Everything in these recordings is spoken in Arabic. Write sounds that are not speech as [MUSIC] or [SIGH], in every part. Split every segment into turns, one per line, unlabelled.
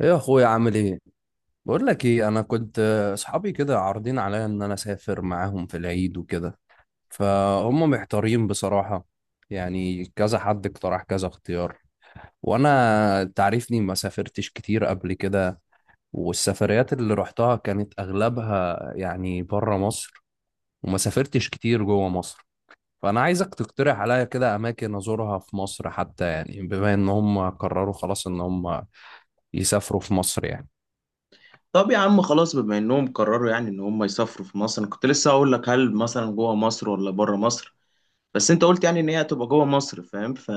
ايه يا اخويا؟ عامل ايه؟ بقول لك ايه، انا كنت اصحابي كده عارضين عليا ان انا اسافر معاهم في العيد وكده، فهم محتارين بصراحة. يعني كذا حد اقترح كذا اختيار، وانا تعرفني ما سافرتش كتير قبل كده، والسفريات اللي رحتها كانت اغلبها يعني بره مصر، وما سافرتش كتير جوه مصر. فانا عايزك تقترح عليا كده اماكن ازورها في مصر، حتى يعني بما ان هم قرروا خلاص ان هم يسافروا في مصر يعني.
طب يا عم، خلاص بما انهم قرروا يعني ان هم يسافروا في مصر. انا كنت لسه هقول لك، هل مثلا جوه مصر ولا بره مصر؟ بس انت قلت يعني ان هي هتبقى جوه مصر، فاهم.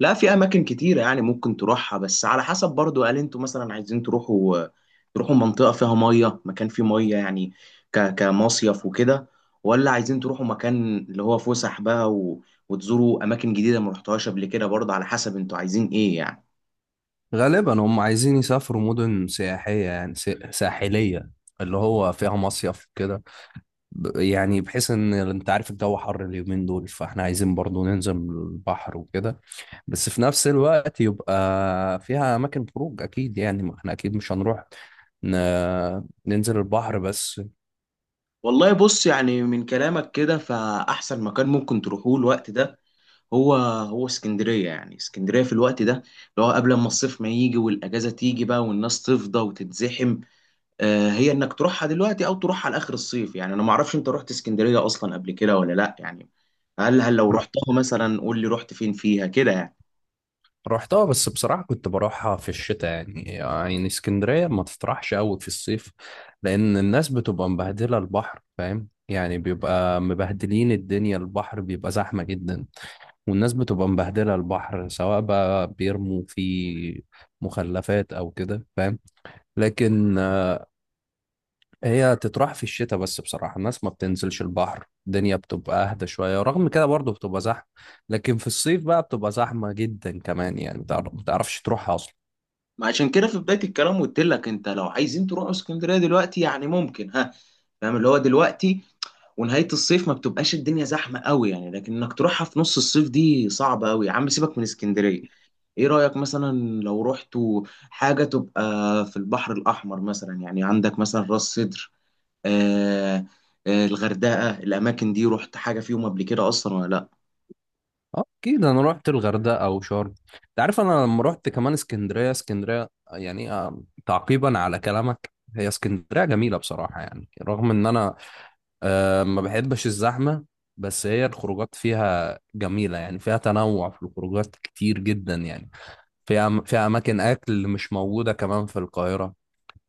لا، في اماكن كتيره يعني ممكن تروحها، بس على حسب برضو. هل انتوا مثلا عايزين تروحوا منطقه فيها ميه، مكان فيه ميه يعني، كمصيف وكده، ولا عايزين تروحوا مكان اللي هو فسح بقى، وتزوروا اماكن جديده ما رحتوهاش قبل كده، برضه على حسب انتوا عايزين ايه يعني.
غالبا هم عايزين يسافروا مدن سياحية، يعني ساحلية، اللي هو فيها مصيف كده، يعني بحيث ان انت عارف الجو حر اليومين دول، فاحنا عايزين برضو ننزل البحر وكده، بس في نفس الوقت يبقى فيها اماكن خروج اكيد، يعني ما احنا اكيد مش هنروح ن... ننزل البحر بس.
والله بص، يعني من كلامك كده، فأحسن مكان ممكن تروحوه الوقت ده هو هو اسكندرية. يعني اسكندرية في الوقت ده، اللي هو قبل ما الصيف ما يجي والأجازة تيجي بقى والناس تفضى وتتزحم. آه، هي إنك تروحها دلوقتي أو تروحها لآخر الصيف، يعني أنا معرفش أنت رحت اسكندرية أصلا قبل كده ولا لأ، يعني هل لو رحتها مثلا قول لي رحت فين فيها كده يعني.
رحتها، بس بصراحة كنت بروحها في الشتاء، يعني اسكندرية ما تطرحش قوي في الصيف، لأن الناس بتبقى مبهدلة البحر، فاهم؟ يعني بيبقى مبهدلين الدنيا، البحر بيبقى زحمة جدا، والناس بتبقى مبهدلة البحر، سواء بقى بيرموا فيه مخلفات أو كده، فاهم؟ لكن هي تطرح في الشتاء، بس بصراحة الناس ما بتنزلش البحر، الدنيا بتبقى أهدى شوية، رغم كده برضه بتبقى زحمة. لكن في الصيف بقى بتبقى زحمة جدا كمان، يعني ما تعرفش تروحها أصلا.
ما عشان كده في بداية الكلام قلت لك، أنت لو عايزين تروحوا اسكندرية دلوقتي يعني ممكن. فاهم، اللي هو دلوقتي ونهاية الصيف ما بتبقاش الدنيا زحمة قوي يعني، لكن انك تروحها في نص الصيف دي صعبة قوي. يا عم سيبك من اسكندرية. ايه رأيك مثلا لو رحتوا حاجة تبقى في البحر الأحمر مثلا؟ يعني عندك مثلا راس سدر، آه الغردقة، الأماكن دي رحت حاجة فيهم قبل كده أصلا ولا لأ؟
اه اكيد، انا رحت الغردقه او شرم. انت عارف انا لما رحت كمان اسكندريه، اسكندريه يعني تعقيبا على كلامك، هي اسكندريه جميله بصراحه، يعني رغم ان انا ما بحبش الزحمه، بس هي الخروجات فيها جميله، يعني فيها تنوع في الخروجات كتير جدا يعني. فيها اماكن اكل مش موجوده كمان في القاهره.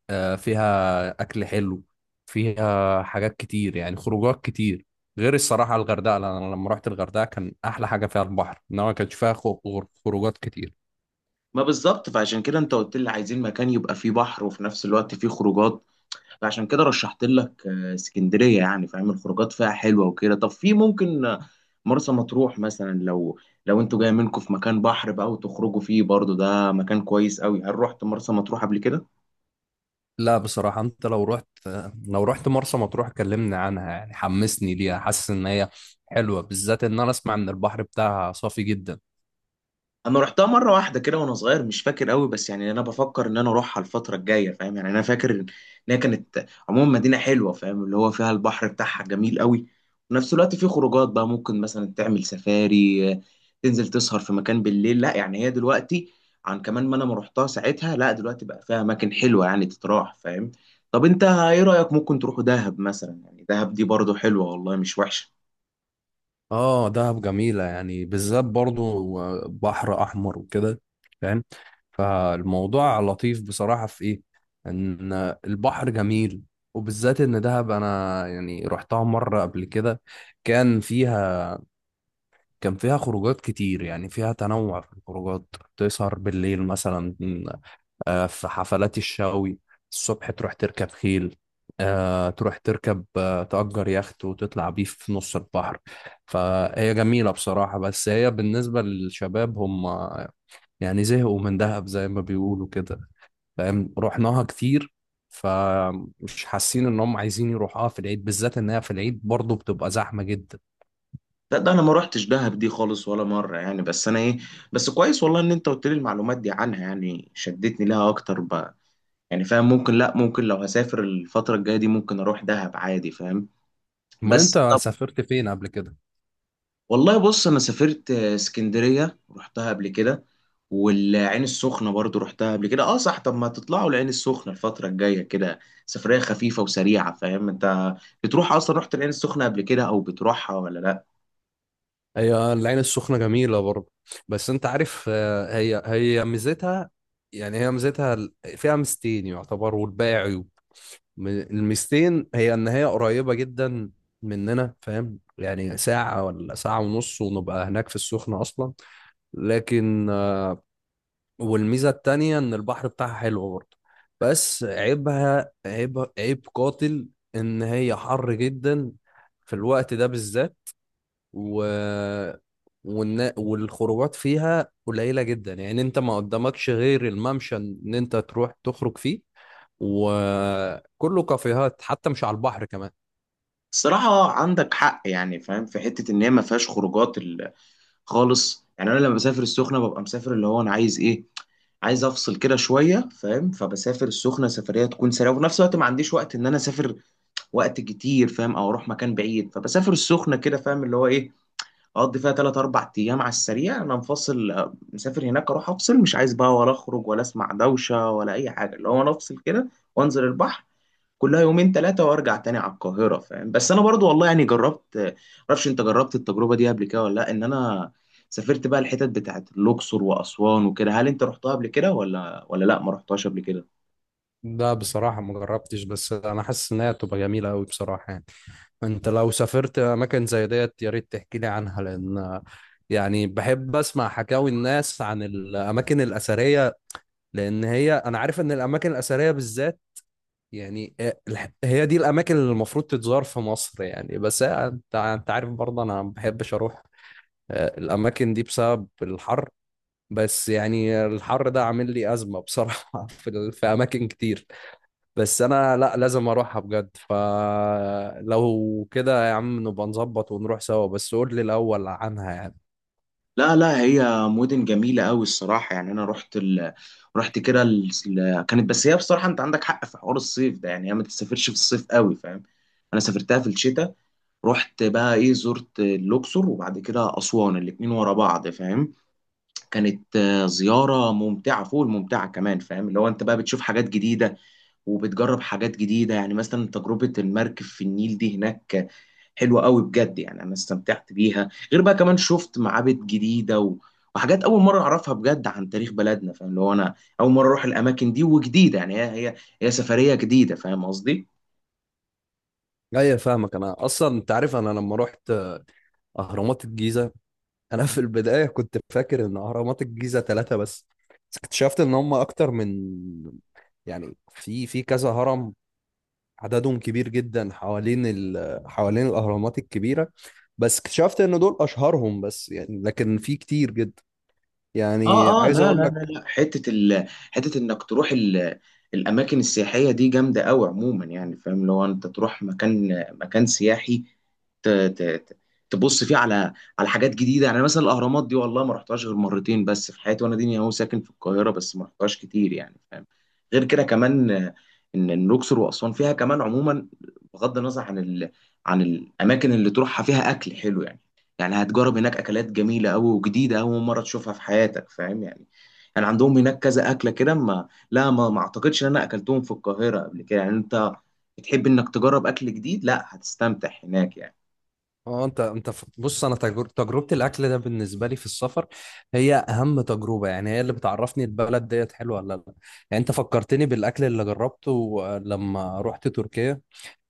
فيها أكل حلو، فيها حاجات كتير، يعني خروجات كتير، غير الصراحة الغردقة. لأن أنا لما رحت الغردقة كان أحلى حاجة فيها البحر، إنما ما كانش فيها خروجات كتير.
ما بالظبط، فعشان كده انت قلت لي عايزين مكان يبقى فيه بحر وفي نفس الوقت فيه خروجات. فعشان كده رشحت لك اسكندريه، يعني فاهم، الخروجات فيها حلوه وكده. طب في ممكن مرسى مطروح مثلا. لو انتوا جاي منكم في مكان بحر بقى وتخرجوا فيه برضو، ده مكان كويس قوي. هل رحت مرسى مطروح قبل كده؟
لا بصراحة، أنت لو رحت، لو رحت مرسى مطروح كلمني عنها، يعني حمسني ليها. حاسس إن هي حلوة، بالذات إن أنا أسمع إن البحر بتاعها صافي جدا.
انا رحتها مره واحده كده وانا صغير، مش فاكر قوي، بس يعني انا بفكر ان انا اروحها الفتره الجايه، فاهم، يعني انا فاكر ان هي كانت عموما مدينه حلوه، فاهم، اللي هو فيها البحر بتاعها جميل قوي، وفي نفس الوقت في خروجات بقى. ممكن مثلا تعمل سفاري، تنزل تسهر في مكان بالليل. لا يعني هي دلوقتي، عن كمان ما انا ما رحتها ساعتها، لا دلوقتي بقى فيها اماكن حلوه يعني تتراح فاهم. طب انت ايه رايك ممكن تروحوا دهب مثلا؟ يعني دهب دي برضو حلوه والله، مش وحشه.
آه دهب جميلة يعني، بالذات برضو بحر أحمر وكده، فاهم؟ فالموضوع لطيف بصراحة. في إيه؟ إن البحر جميل، وبالذات إن دهب أنا يعني رحتها مرة قبل كده، كان فيها، كان فيها خروجات كتير، يعني فيها تنوع في الخروجات. تسهر بالليل مثلا، في حفلات الشاوي، الصبح تروح تركب خيل، تروح تركب تأجر يخت وتطلع بيه في نص البحر. فهي جميلة بصراحة، بس هي بالنسبة للشباب هم يعني زهقوا من دهب زي ما بيقولوا كده، فاهم؟ رحناها كتير، فمش حاسين ان هم عايزين يروحوها في العيد، بالذات انها في العيد برضه بتبقى زحمة جدا.
لا، ده انا ما روحتش دهب دي خالص ولا مره يعني، بس انا ايه، بس كويس والله ان انت قلت لي المعلومات دي عنها، يعني شدتني لها اكتر بقى. يعني فاهم ممكن، لا ممكن لو هسافر الفتره الجايه دي ممكن اروح دهب عادي، فاهم.
امال
بس
انت
طب،
سافرت فين قبل كده؟
والله بص انا سافرت اسكندريه رحتها قبل كده، والعين السخنه برضو رحتها قبل كده. اه صح، طب ما تطلعوا العين السخنه الفتره الجايه كده؟ سفريه خفيفه وسريعه، فاهم. انت بتروح اصلا، رحت العين السخنه قبل كده او بتروحها ولا لا؟
هي العين السخنة جميلة برضه، بس انت عارف هي ميزتها، يعني هي ميزتها فيها ميزتين يعتبر، والباقي عيوب. الميزتين هي ان هي قريبة جدا مننا، فاهم؟ يعني ساعة ولا ساعة ونص ونبقى هناك في السخنة أصلا. لكن والميزة التانية إن البحر بتاعها حلو برضه. بس عيبها عيب، عيب قاتل، إن هي حر جدا في الوقت ده بالذات، و... والخروجات فيها قليلة جدا، يعني أنت ما قدامكش غير الممشى إن أنت تروح تخرج فيه، وكله كافيهات حتى مش على البحر كمان.
الصراحة عندك حق يعني فاهم، في حتة إن هي ما فيهاش خروجات خالص. يعني أنا لما بسافر السخنة ببقى مسافر، اللي هو أنا عايز إيه، عايز أفصل كده شوية، فاهم. فبسافر السخنة سفرية تكون سريعة، وفي نفس الوقت ما عنديش وقت إن أنا أسافر وقت كتير، فاهم، أو أروح مكان بعيد. فبسافر السخنة كده، فاهم، اللي هو إيه، أقضي فيها تلات أربع أيام على السريع. أنا مفصل مسافر هناك أروح أفصل، مش عايز بقى ولا أخرج ولا أسمع دوشة ولا أي حاجة، اللي هو أنا أفصل كده وأنزل البحر، كلها يومين ثلاثة وارجع تاني على القاهرة، فاهم. بس انا برضو والله يعني جربت، معرفش انت جربت التجربة دي قبل كده ولا لا، ان انا سافرت بقى الحتت بتاعت الاقصر واسوان وكده. هل انت رحتها قبل كده ولا لا، ما رحتهاش قبل كده؟
لا بصراحة ما جربتش، بس أنا حاسس إن هي هتبقى جميلة أوي بصراحة، يعني أنت لو سافرت أماكن زي ديت يا ريت تحكي لي عنها، لأن يعني بحب أسمع حكاوي الناس عن الأماكن الأثرية. لأن هي، أنا عارف إن الأماكن الأثرية بالذات يعني هي دي الأماكن اللي المفروض تتزار في مصر، يعني بس أنت عارف برضه أنا ما بحبش أروح الأماكن دي بسبب الحر. بس يعني الحر ده عامل لي أزمة بصراحة [LAUGHS] في أماكن كتير، بس انا لا لازم اروحها بجد. فلو كده يا عم نبقى نظبط ونروح سوا، بس قول لي الاول عنها يعني.
لا لا، هي مدن جميلة قوي الصراحة يعني. انا رحت رحت كده كانت. بس هي بصراحة انت عندك حق في حوار الصيف ده، يعني هي ما تسافرش في الصيف قوي، فاهم. انا سافرتها في الشتاء. رحت بقى ايه، زرت الاقصر وبعد كده اسوان، الاتنين ورا بعض، فاهم. كانت زيارة ممتعة فوق الممتعة كمان، فاهم، اللي هو انت بقى بتشوف حاجات جديدة وبتجرب حاجات جديدة، يعني مثلا تجربة المركب في النيل دي هناك حلوة قوي بجد يعني. انا استمتعت بيها، غير بقى كمان شفت معابد جديدة وحاجات اول مرة اعرفها بجد عن تاريخ بلدنا، فاهم، اللي هو انا اول مرة اروح الاماكن دي وجديدة يعني. هي سفرية جديدة، فاهم قصدي.
ايوه فاهمك، انا اصلا انت عارف انا لما رحت اهرامات الجيزه، انا في البدايه كنت فاكر ان اهرامات الجيزه ثلاثه بس، بس اكتشفت ان هم اكتر من، يعني في كذا هرم، عددهم كبير جدا حوالين حوالين الاهرامات الكبيره. بس اكتشفت ان دول اشهرهم بس يعني، لكن في كتير جدا. يعني
اه اه،
عايز
لا لا
اقول
لا
لك،
لا، حته حته انك تروح الاماكن السياحيه دي جامده قوي عموما، يعني فاهم، لو انت تروح مكان مكان سياحي ت... ت... ت- تبص فيه على حاجات جديده، يعني مثلا الاهرامات دي والله ما رحتهاش غير مرتين بس في حياتي، وانا ديني اهو ساكن في القاهره، بس ما رحتهاش كتير يعني فاهم. غير كده كمان، إن الاقصر واسوان فيها كمان عموما، بغض النظر عن عن الاماكن اللي تروحها، فيها اكل حلو يعني. يعني هتجرب هناك اكلات جميله قوي وجديده، اول مره تشوفها في حياتك فاهم يعني. يعني عندهم هناك كذا اكله كده، ما لا ما, ما اعتقدش ان انا اكلتهم في القاهره قبل كده يعني. انت بتحب انك تجرب اكل جديد، لا هتستمتع هناك يعني.
اه انت بص، انا تجربه الاكل ده بالنسبه لي في السفر هي اهم تجربه، يعني هي اللي بتعرفني البلد ديت حلوه ولا لا. يعني انت فكرتني بالاكل اللي جربته لما رحت تركيا،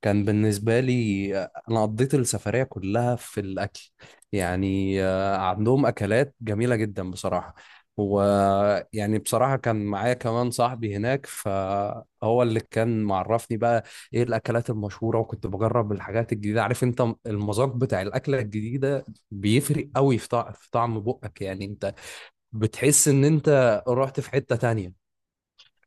كان بالنسبة لي، أنا قضيت السفرية كلها في الأكل. يعني عندهم أكلات جميلة جدا بصراحة، ويعني بصراحة كان معايا كمان صاحبي هناك، فهو اللي كان معرفني بقى إيه الأكلات المشهورة، وكنت بجرب الحاجات الجديدة. عارف أنت المذاق بتاع الأكلة الجديدة بيفرق قوي في طعم بقك، يعني أنت بتحس إن أنت رحت في حتة تانية.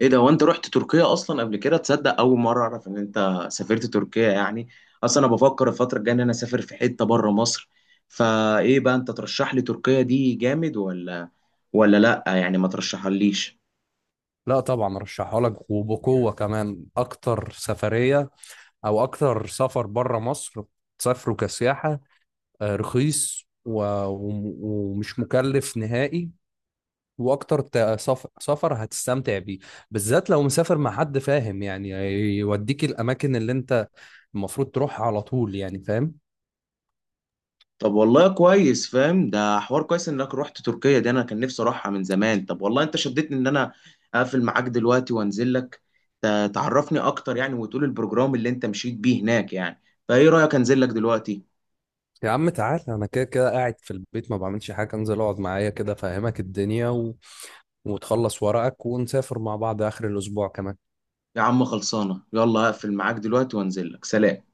ايه ده، وانت رحت تركيا اصلا قبل كده؟ تصدق اول مره اعرف ان انت سافرت تركيا يعني. اصلا انا بفكر الفتره الجايه ان انا اسافر في حته بره مصر، فايه بقى، انت ترشح لي تركيا دي جامد ولا لا، يعني ما ترشحها ليش؟
لا طبعا رشحها لك وبقوة كمان، أكتر سفرية او اكتر سفر بره مصر تسافره كسياحه، رخيص ومش مكلف نهائي، واكتر سفر هتستمتع بيه، بالذات لو مسافر مع حد، فاهم يعني؟ يوديك الاماكن اللي انت المفروض تروح على طول يعني، فاهم؟
طب والله كويس فاهم، ده حوار كويس انك رحت تركيا دي، انا كان نفسي اروحها من زمان. طب والله انت شدتني ان انا اقفل معاك دلوقتي وانزل لك، تعرفني اكتر يعني، وتقول البروجرام اللي انت مشيت بيه هناك يعني. فايه رأيك انزل لك دلوقتي؟
يا عم تعال، انا كده كده قاعد في البيت ما بعملش حاجه، انزل اقعد معايا كده، فاهمك الدنيا وتخلص ورقك، ونسافر مع بعض اخر الاسبوع كمان.
يا عم خلصانة، يلا اقفل معاك دلوقتي وانزل لك، سلام.